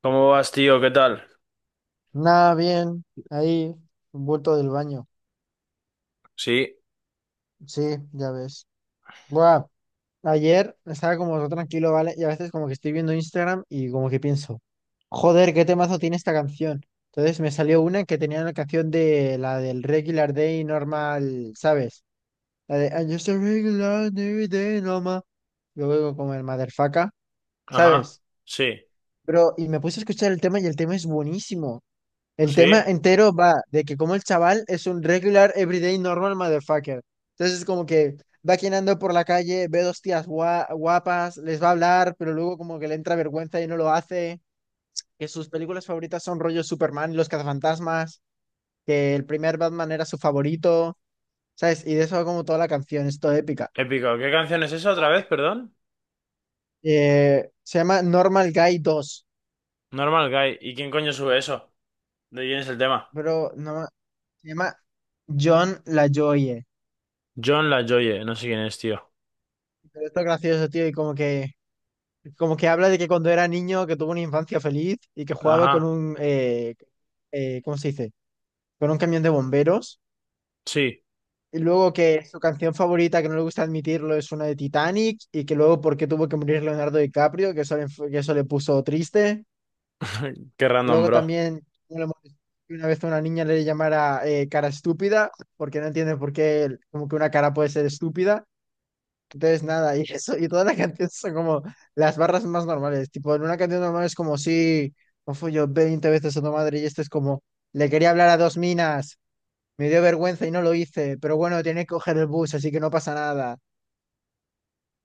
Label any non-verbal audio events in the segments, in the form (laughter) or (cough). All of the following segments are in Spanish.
¿Cómo vas, tío? ¿Qué tal? Nada, bien, ahí, un bulto del baño. Sí, Sí, ya ves. Buah, ayer estaba como todo tranquilo, ¿vale? Y a veces como que estoy viendo Instagram y como que pienso, joder, qué temazo tiene esta canción. Entonces me salió una que tenía la canción de la del Regular Day Normal, ¿sabes? La de I'm just a regular day normal. Luego como el Motherfucker, ajá, ¿sabes? sí, Pero, y me puse a escuchar el tema y el tema es buenísimo. El sí, tema entero va de que como el chaval es un regular, everyday, normal motherfucker. Entonces como que va caminando por la calle, ve dos tías guapas, les va a hablar, pero luego como que le entra vergüenza y no lo hace. Que sus películas favoritas son rollo Superman y los cazafantasmas, que el primer Batman era su favorito, ¿sabes? Y de eso va como toda la canción, es toda épica. épico. ¿Qué canción es esa otra Como vez, que- perdón? Se llama Normal Guy 2, Normal Guy. ¿Y quién coño sube eso? ¿De quién es el tema? pero no, se llama John LaJoie. John LaJoie, no sé quién es, tío. Pero esto es gracioso, tío, y como que... Como que habla de que cuando era niño, que tuvo una infancia feliz y que jugaba con Ajá, un, ¿cómo se dice? Con un camión de bomberos. sí. Y luego que su canción favorita, que no le gusta admitirlo, es una de Titanic. Y que luego porque tuvo que morir Leonardo DiCaprio, que eso le, que eso le puso triste. (laughs) Qué random, Luego bro. también no una vez una niña le llamara cara estúpida, porque no entiende por qué como que una cara puede ser estúpida. Entonces, nada, y eso, y todas las canciones son como las barras más normales. Tipo, en una canción normal es como, sí, no fui yo 20 veces a tu madre, y este es como, le quería hablar a dos minas, me dio vergüenza y no lo hice, pero bueno, tiene que coger el bus, así que no pasa nada.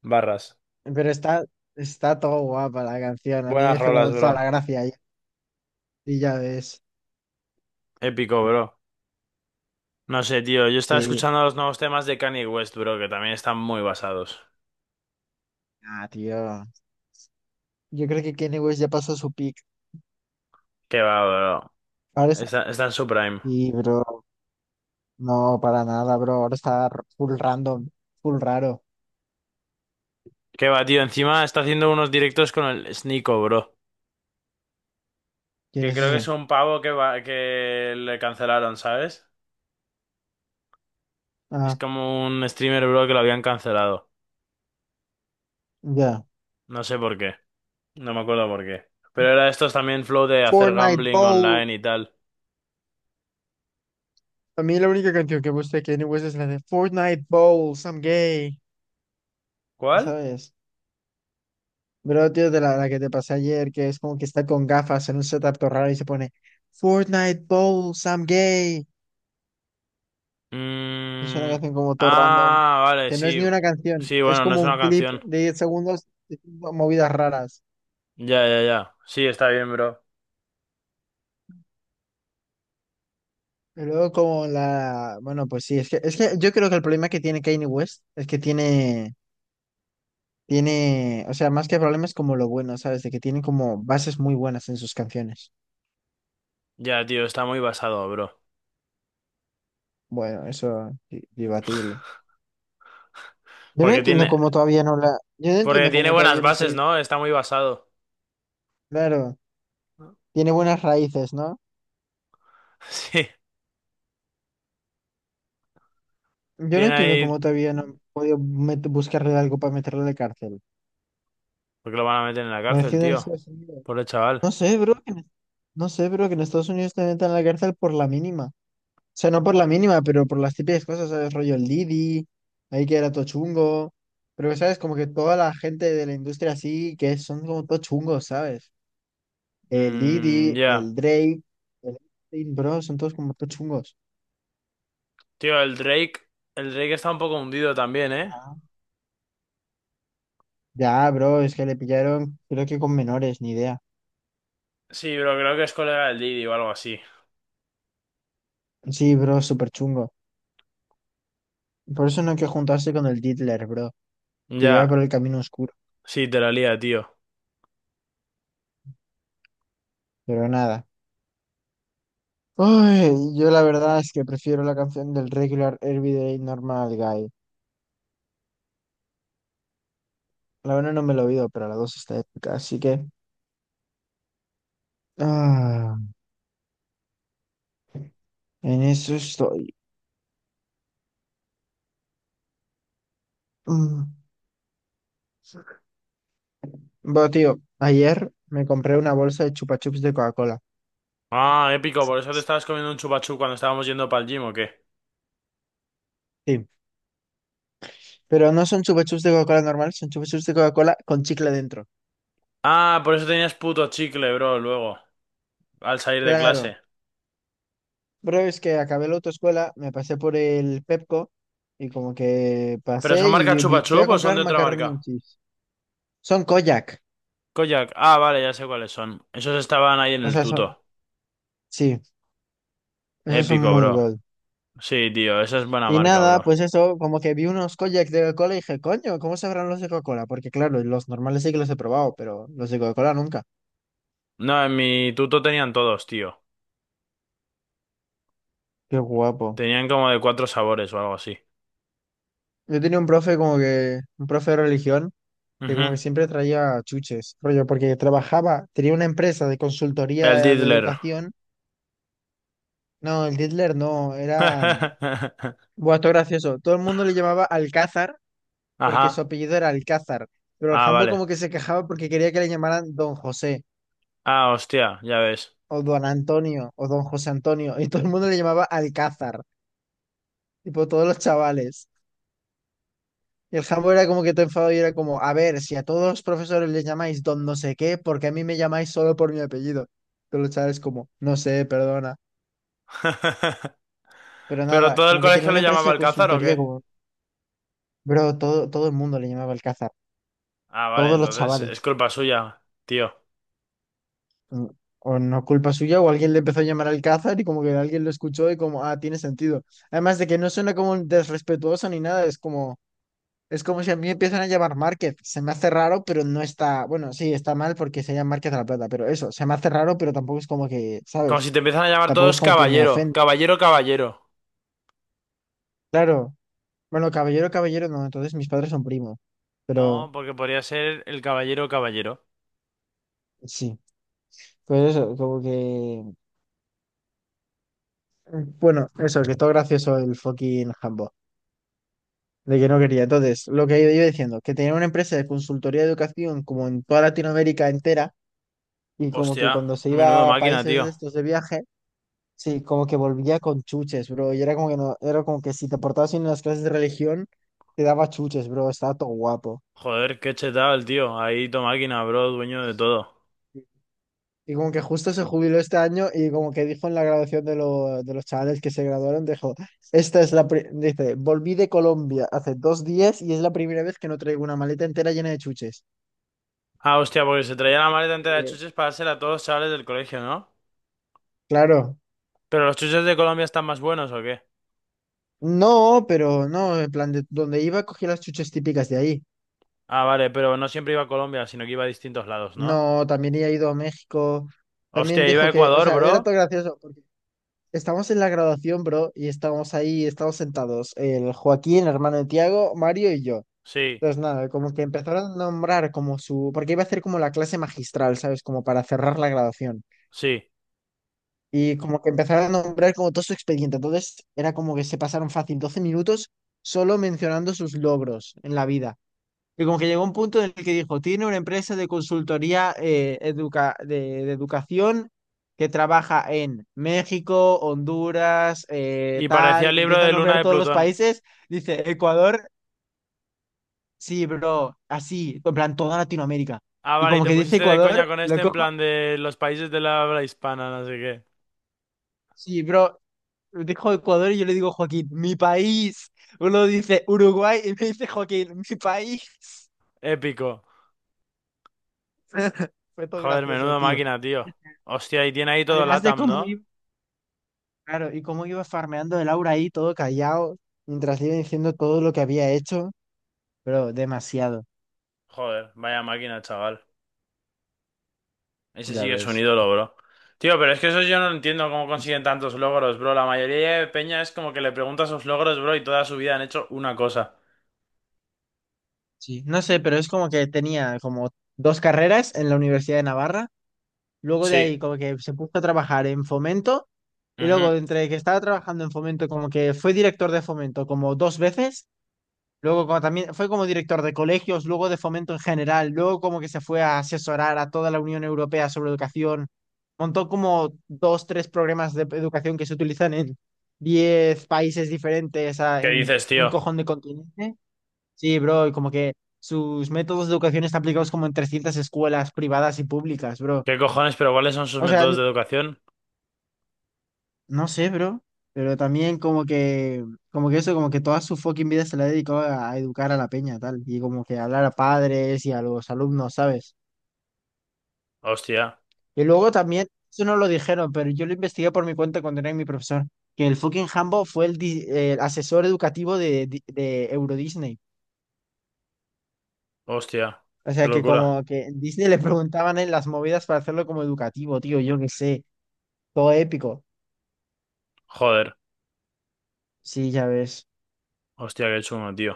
Barras. Pero está todo guapa la canción, a mí me Buenas hizo rolas, como toda bro. la gracia, y ya ves, Épico, bro. No sé, tío. Yo estaba sí. escuchando los nuevos temas de Kanye West, bro, que también están muy basados. Ah, tío, yo creo que Kanye West ya pasó su peak. Qué va, bro. Ahora está, Está en su prime. sí, bro, no, para nada, bro, ahora está full random, full raro. Qué va, tío. Encima está haciendo unos directos con el Sneeko, bro. ¿Quién Que es creo que es ese? un pavo que, va, que le cancelaron, ¿sabes? Es Ah. como un streamer, bro, que lo habían cancelado. Ya. No sé por qué. No me acuerdo por qué. Pero era estos también flow de hacer Fortnite gambling Bowl. online y tal. A mí la única canción que me gusta de Kanye West es la de Fortnite Bowl, I'm gay. ¿Cuál? ¿Sabes? Pero tío, de la que te pasé ayer, que es como que está con gafas en un setup todo raro y se pone Fortnite Bowl, I'm gay. Es una Mm, canción como todo random, ah, vale, que no es sí. ni una canción, Sí, es bueno, no como es un una clip canción. de 10 segundos diciendo movidas raras. Ya, ya, ya. Sí, está bien, bro. Y luego como la... Bueno, pues sí, es que yo creo que el problema que tiene Kanye West es que tiene... Tiene, o sea, más que problemas como lo bueno, ¿sabes? De que tiene como bases muy buenas en sus canciones. Ya, tío, está muy basado, bro. Bueno, eso debatible. Yo no Porque entiendo tiene, cómo todavía no la, yo no porque entiendo tiene cómo todavía buenas no se ha bases, ido. ¿no? Está muy basado. Claro, (laughs) tiene buenas raíces, ¿no? Sí, Yo no tiene entiendo ahí... cómo todavía no han podido buscarle algo para meterlo de cárcel. Porque lo van a meter en la cárcel, Conociendo en tío. Estados Unidos. Pobre chaval. No sé, bro, que en- No sé, bro, que en Estados Unidos te metan a la cárcel por la mínima. O sea, no por la mínima, pero por las típicas cosas, ¿sabes? Rollo el Didi, ahí que era todo chungo. Pero, ¿sabes? Como que toda la gente de la industria así, que son como todo chungos, ¿sabes? El Mm, Didi, ya. el Drake, el Epstein, bro, son todos como todo chungos. Tío, el Drake. El Drake está un poco hundido también, ¿eh? Ah. Ya, bro, es que le pillaron, creo que con menores, ni idea. Sí, pero creo que es colega del Didi o algo así. Sí, bro, súper chungo. Por eso no hay que juntarse con el Diddler, bro. Te lleva Ya. por el camino oscuro. Sí, te la lía, tío. Pero nada. Uy, yo la verdad es que prefiero la canción del Regular Everyday Normal Guy. La una no me la he oído, pero la dos está épica, así que ah, en eso estoy. Mm. Bueno, tío, ayer me compré una bolsa de chupa chups de Coca-Cola. Ah, épico. Por eso te estabas comiendo un chupachú cuando estábamos yendo para el gym, ¿o qué? Sí, pero no son chupa chups de Coca-Cola normal, son chupa chups de Coca-Cola con chicle dentro. Ah, por eso tenías puto chicle, bro, luego. Al salir de Claro, clase. pero es que acabé la autoescuela, me pasé por el Pepco y como que ¿Pero pasé son marca y fui a chupachup o son comprar de otra macaroni marca? and cheese. Son Kojak, Kojak. Ah, vale, ya sé cuáles son. Esos estaban ahí en o el sea, son, tuto. sí, esos son Épico, muy bro. gold. Sí, tío, esa es buena Y marca, nada, bro. pues eso, como que vi unos kojak de Coca-Cola y dije, coño, ¿cómo sabrán los de Coca-Cola? Porque claro, los normales sí que los he probado, pero los de Coca-Cola nunca. No, en mi tuto tenían todos, tío. Qué guapo. Tenían como de cuatro sabores o algo así. Yo tenía un profe como que, un profe de religión, que como que Ujú. siempre traía chuches, rollo, porque trabajaba, tenía una empresa de El consultoría de Diddler. educación. No, el Hitler no, era... (laughs) Buah, esto es gracioso. Todo el mundo le llamaba Alcázar, porque su Ajá. apellido era Alcázar, pero el Ah, jambo vale. como que se quejaba porque quería que le llamaran Don José, Ah, hostia, ya ves. o don Antonio, o don José Antonio, y todo el mundo le llamaba Alcázar, tipo todos los chavales. Y el jambo era como que te enfado y era como, a ver, si a todos los profesores les llamáis don no sé qué, porque a mí me llamáis solo por mi apellido. Todos los chavales como, no sé, perdona. (laughs) Pero ¿Pero nada, todo el como que tenía colegio una le empresa llamaba de Alcázar o consultoría qué? como, bro, todo, todo el mundo le llamaba Alcázar, Ah, vale, todos los entonces es chavales. culpa suya, tío. Mm. O no culpa suya, o alguien le empezó a llamar Alcázar y como que alguien lo escuchó y como, ah, tiene sentido. Además de que no suena como un desrespetuoso ni nada, es como... Es como si a mí empiezan a llamar Márquez. Se me hace raro, pero no está. Bueno, sí, está mal porque se llama Márquez de la Plata, pero eso, se me hace raro, pero tampoco es como que, Como ¿sabes? si te empiezan a llamar Tampoco es todos como que me caballero, ofende. caballero, caballero. Claro. Bueno, caballero, caballero, no, entonces mis padres son primos. No, Pero porque podría ser el caballero, caballero. sí, pues eso, como que. Bueno, eso, que todo gracioso el fucking Hambo. De que no quería. Entonces, lo que yo iba diciendo, que tenía una empresa de consultoría de educación como en toda Latinoamérica entera, y como que Hostia, cuando se menudo iba a máquina, países de tío. estos de viaje. Sí, como que volvía con chuches, bro. Y era como que no, era como que si te portabas bien en las clases de religión, te daba chuches, bro. Estaba todo guapo. Joder, qué chetado el tío. Ahí tu máquina, bro, dueño de todo. Y como que justo se jubiló este año y como que dijo en la graduación de, de los chavales que se graduaron, dijo, esta es la, dice, volví de Colombia hace 2 días y es la primera vez que no traigo una maleta entera llena de chuches. Ah, hostia, porque se traía la maleta entera de Eh, chuches para hacer a todos los chavales del colegio, ¿no? Claro. ¿Pero los chuches de Colombia están más buenos o qué? No, pero no, en plan, de donde iba cogí las chuches típicas de ahí. Ah, vale, pero no siempre iba a Colombia, sino que iba a distintos lados, ¿no? No, también he ido a México. También Hostia, iba dijo a que, o Ecuador, sea, bro. era todo gracioso. Estamos en la graduación, bro, y estamos ahí, estamos sentados, el Joaquín, el hermano de Tiago, Mario y yo. Sí, Entonces, nada, como que empezaron a nombrar como su, porque iba a hacer como la clase magistral, ¿sabes? Como para cerrar la graduación. sí. Y como que empezaron a nombrar como todo su expediente. Entonces, era como que se pasaron fácil 12 minutos solo mencionando sus logros en la vida. Y como que llegó un punto en el que dijo, tiene una empresa de consultoría de educación que trabaja en México, Honduras, Y parecía tal, el libro empieza a de Luna nombrar de todos los Plutón. países, dice Ecuador, sí, bro, así, en plan toda Latinoamérica. Ah, Y vale, y como te que dice pusiste de Ecuador, coña con lo este en cojo, plan de los países de la habla hispana, no sé qué. sí, bro, dijo Ecuador y yo le digo Joaquín, mi país. Uno dice Uruguay y me dice Joaquín, mi país. Épico. (laughs) Fue todo Joder, gracioso, menudo tío. máquina, tío. Hostia, y tiene ahí todo Además de LATAM, cómo ¿no? iba. Claro, y cómo iba farmeando el aura ahí todo callado, mientras le iba diciendo todo lo que había hecho, pero demasiado, Joder, vaya máquina, chaval. Ese ya sí que es un ves. ídolo, bro. Tío, pero es que eso yo no entiendo cómo consiguen tantos logros, bro. La mayoría de peña es como que le preguntas sus logros, bro, y toda su vida han hecho una cosa. Sí, no sé, pero es como que tenía como dos carreras en la Universidad de Navarra, luego de Sí. ahí como que se puso a trabajar en Fomento, y Ujú. luego entre que estaba trabajando en Fomento como que fue director de Fomento como 2 veces. Luego como también fue como director de colegios, luego de fomento en general, luego como que se fue a asesorar a toda la Unión Europea sobre educación. Montó como dos, tres programas de educación que se utilizan en 10 países diferentes, ¿Qué en dices, un tío? cojón de continente. Sí, bro, y como que sus métodos de educación están aplicados como en 300 escuelas privadas y públicas, bro. ¿Qué cojones? ¿Pero cuáles son sus O sea, métodos de educación? no sé, bro, pero también como que eso, como que toda su fucking vida se la ha dedicado a educar a la peña, tal, y como que hablar a padres y a los alumnos, ¿sabes? Hostia, Y luego también, eso no lo dijeron, pero yo lo investigué por mi cuenta cuando era mi profesor, que el fucking Hambo fue el, el asesor educativo de, de Euro Disney. hostia. O Qué sea, que locura. como que en Disney le preguntaban en las movidas para hacerlo como educativo, tío, yo qué sé, todo épico. Joder. Sí, ya ves. Hostia, qué chungo, tío.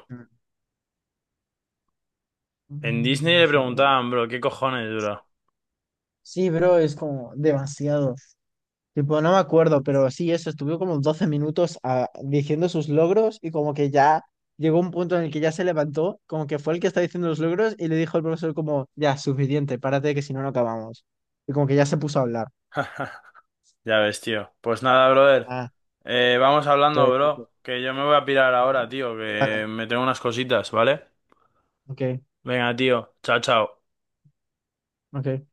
En Mm. Disney le preguntaban, bro, ¿qué cojones, bro? Sí, bro, es como demasiado. Tipo, no me acuerdo, pero sí, eso, estuvo como 12 minutos diciendo sus logros y como que ya llegó un punto en el que ya se levantó, como que fue el que está diciendo los logros y le dijo al profesor como, ya, suficiente, párate que si no, no acabamos. Y como que ya se puso a hablar. Ya ves, tío. Pues nada, brother. Ah, Vamos hablando, entonces, tipo, bro. Que yo me voy a pirar "No, ahora, tío. vale, Que me tengo unas cositas, ¿vale? ok, Venga, tío. Chao, chao. ok.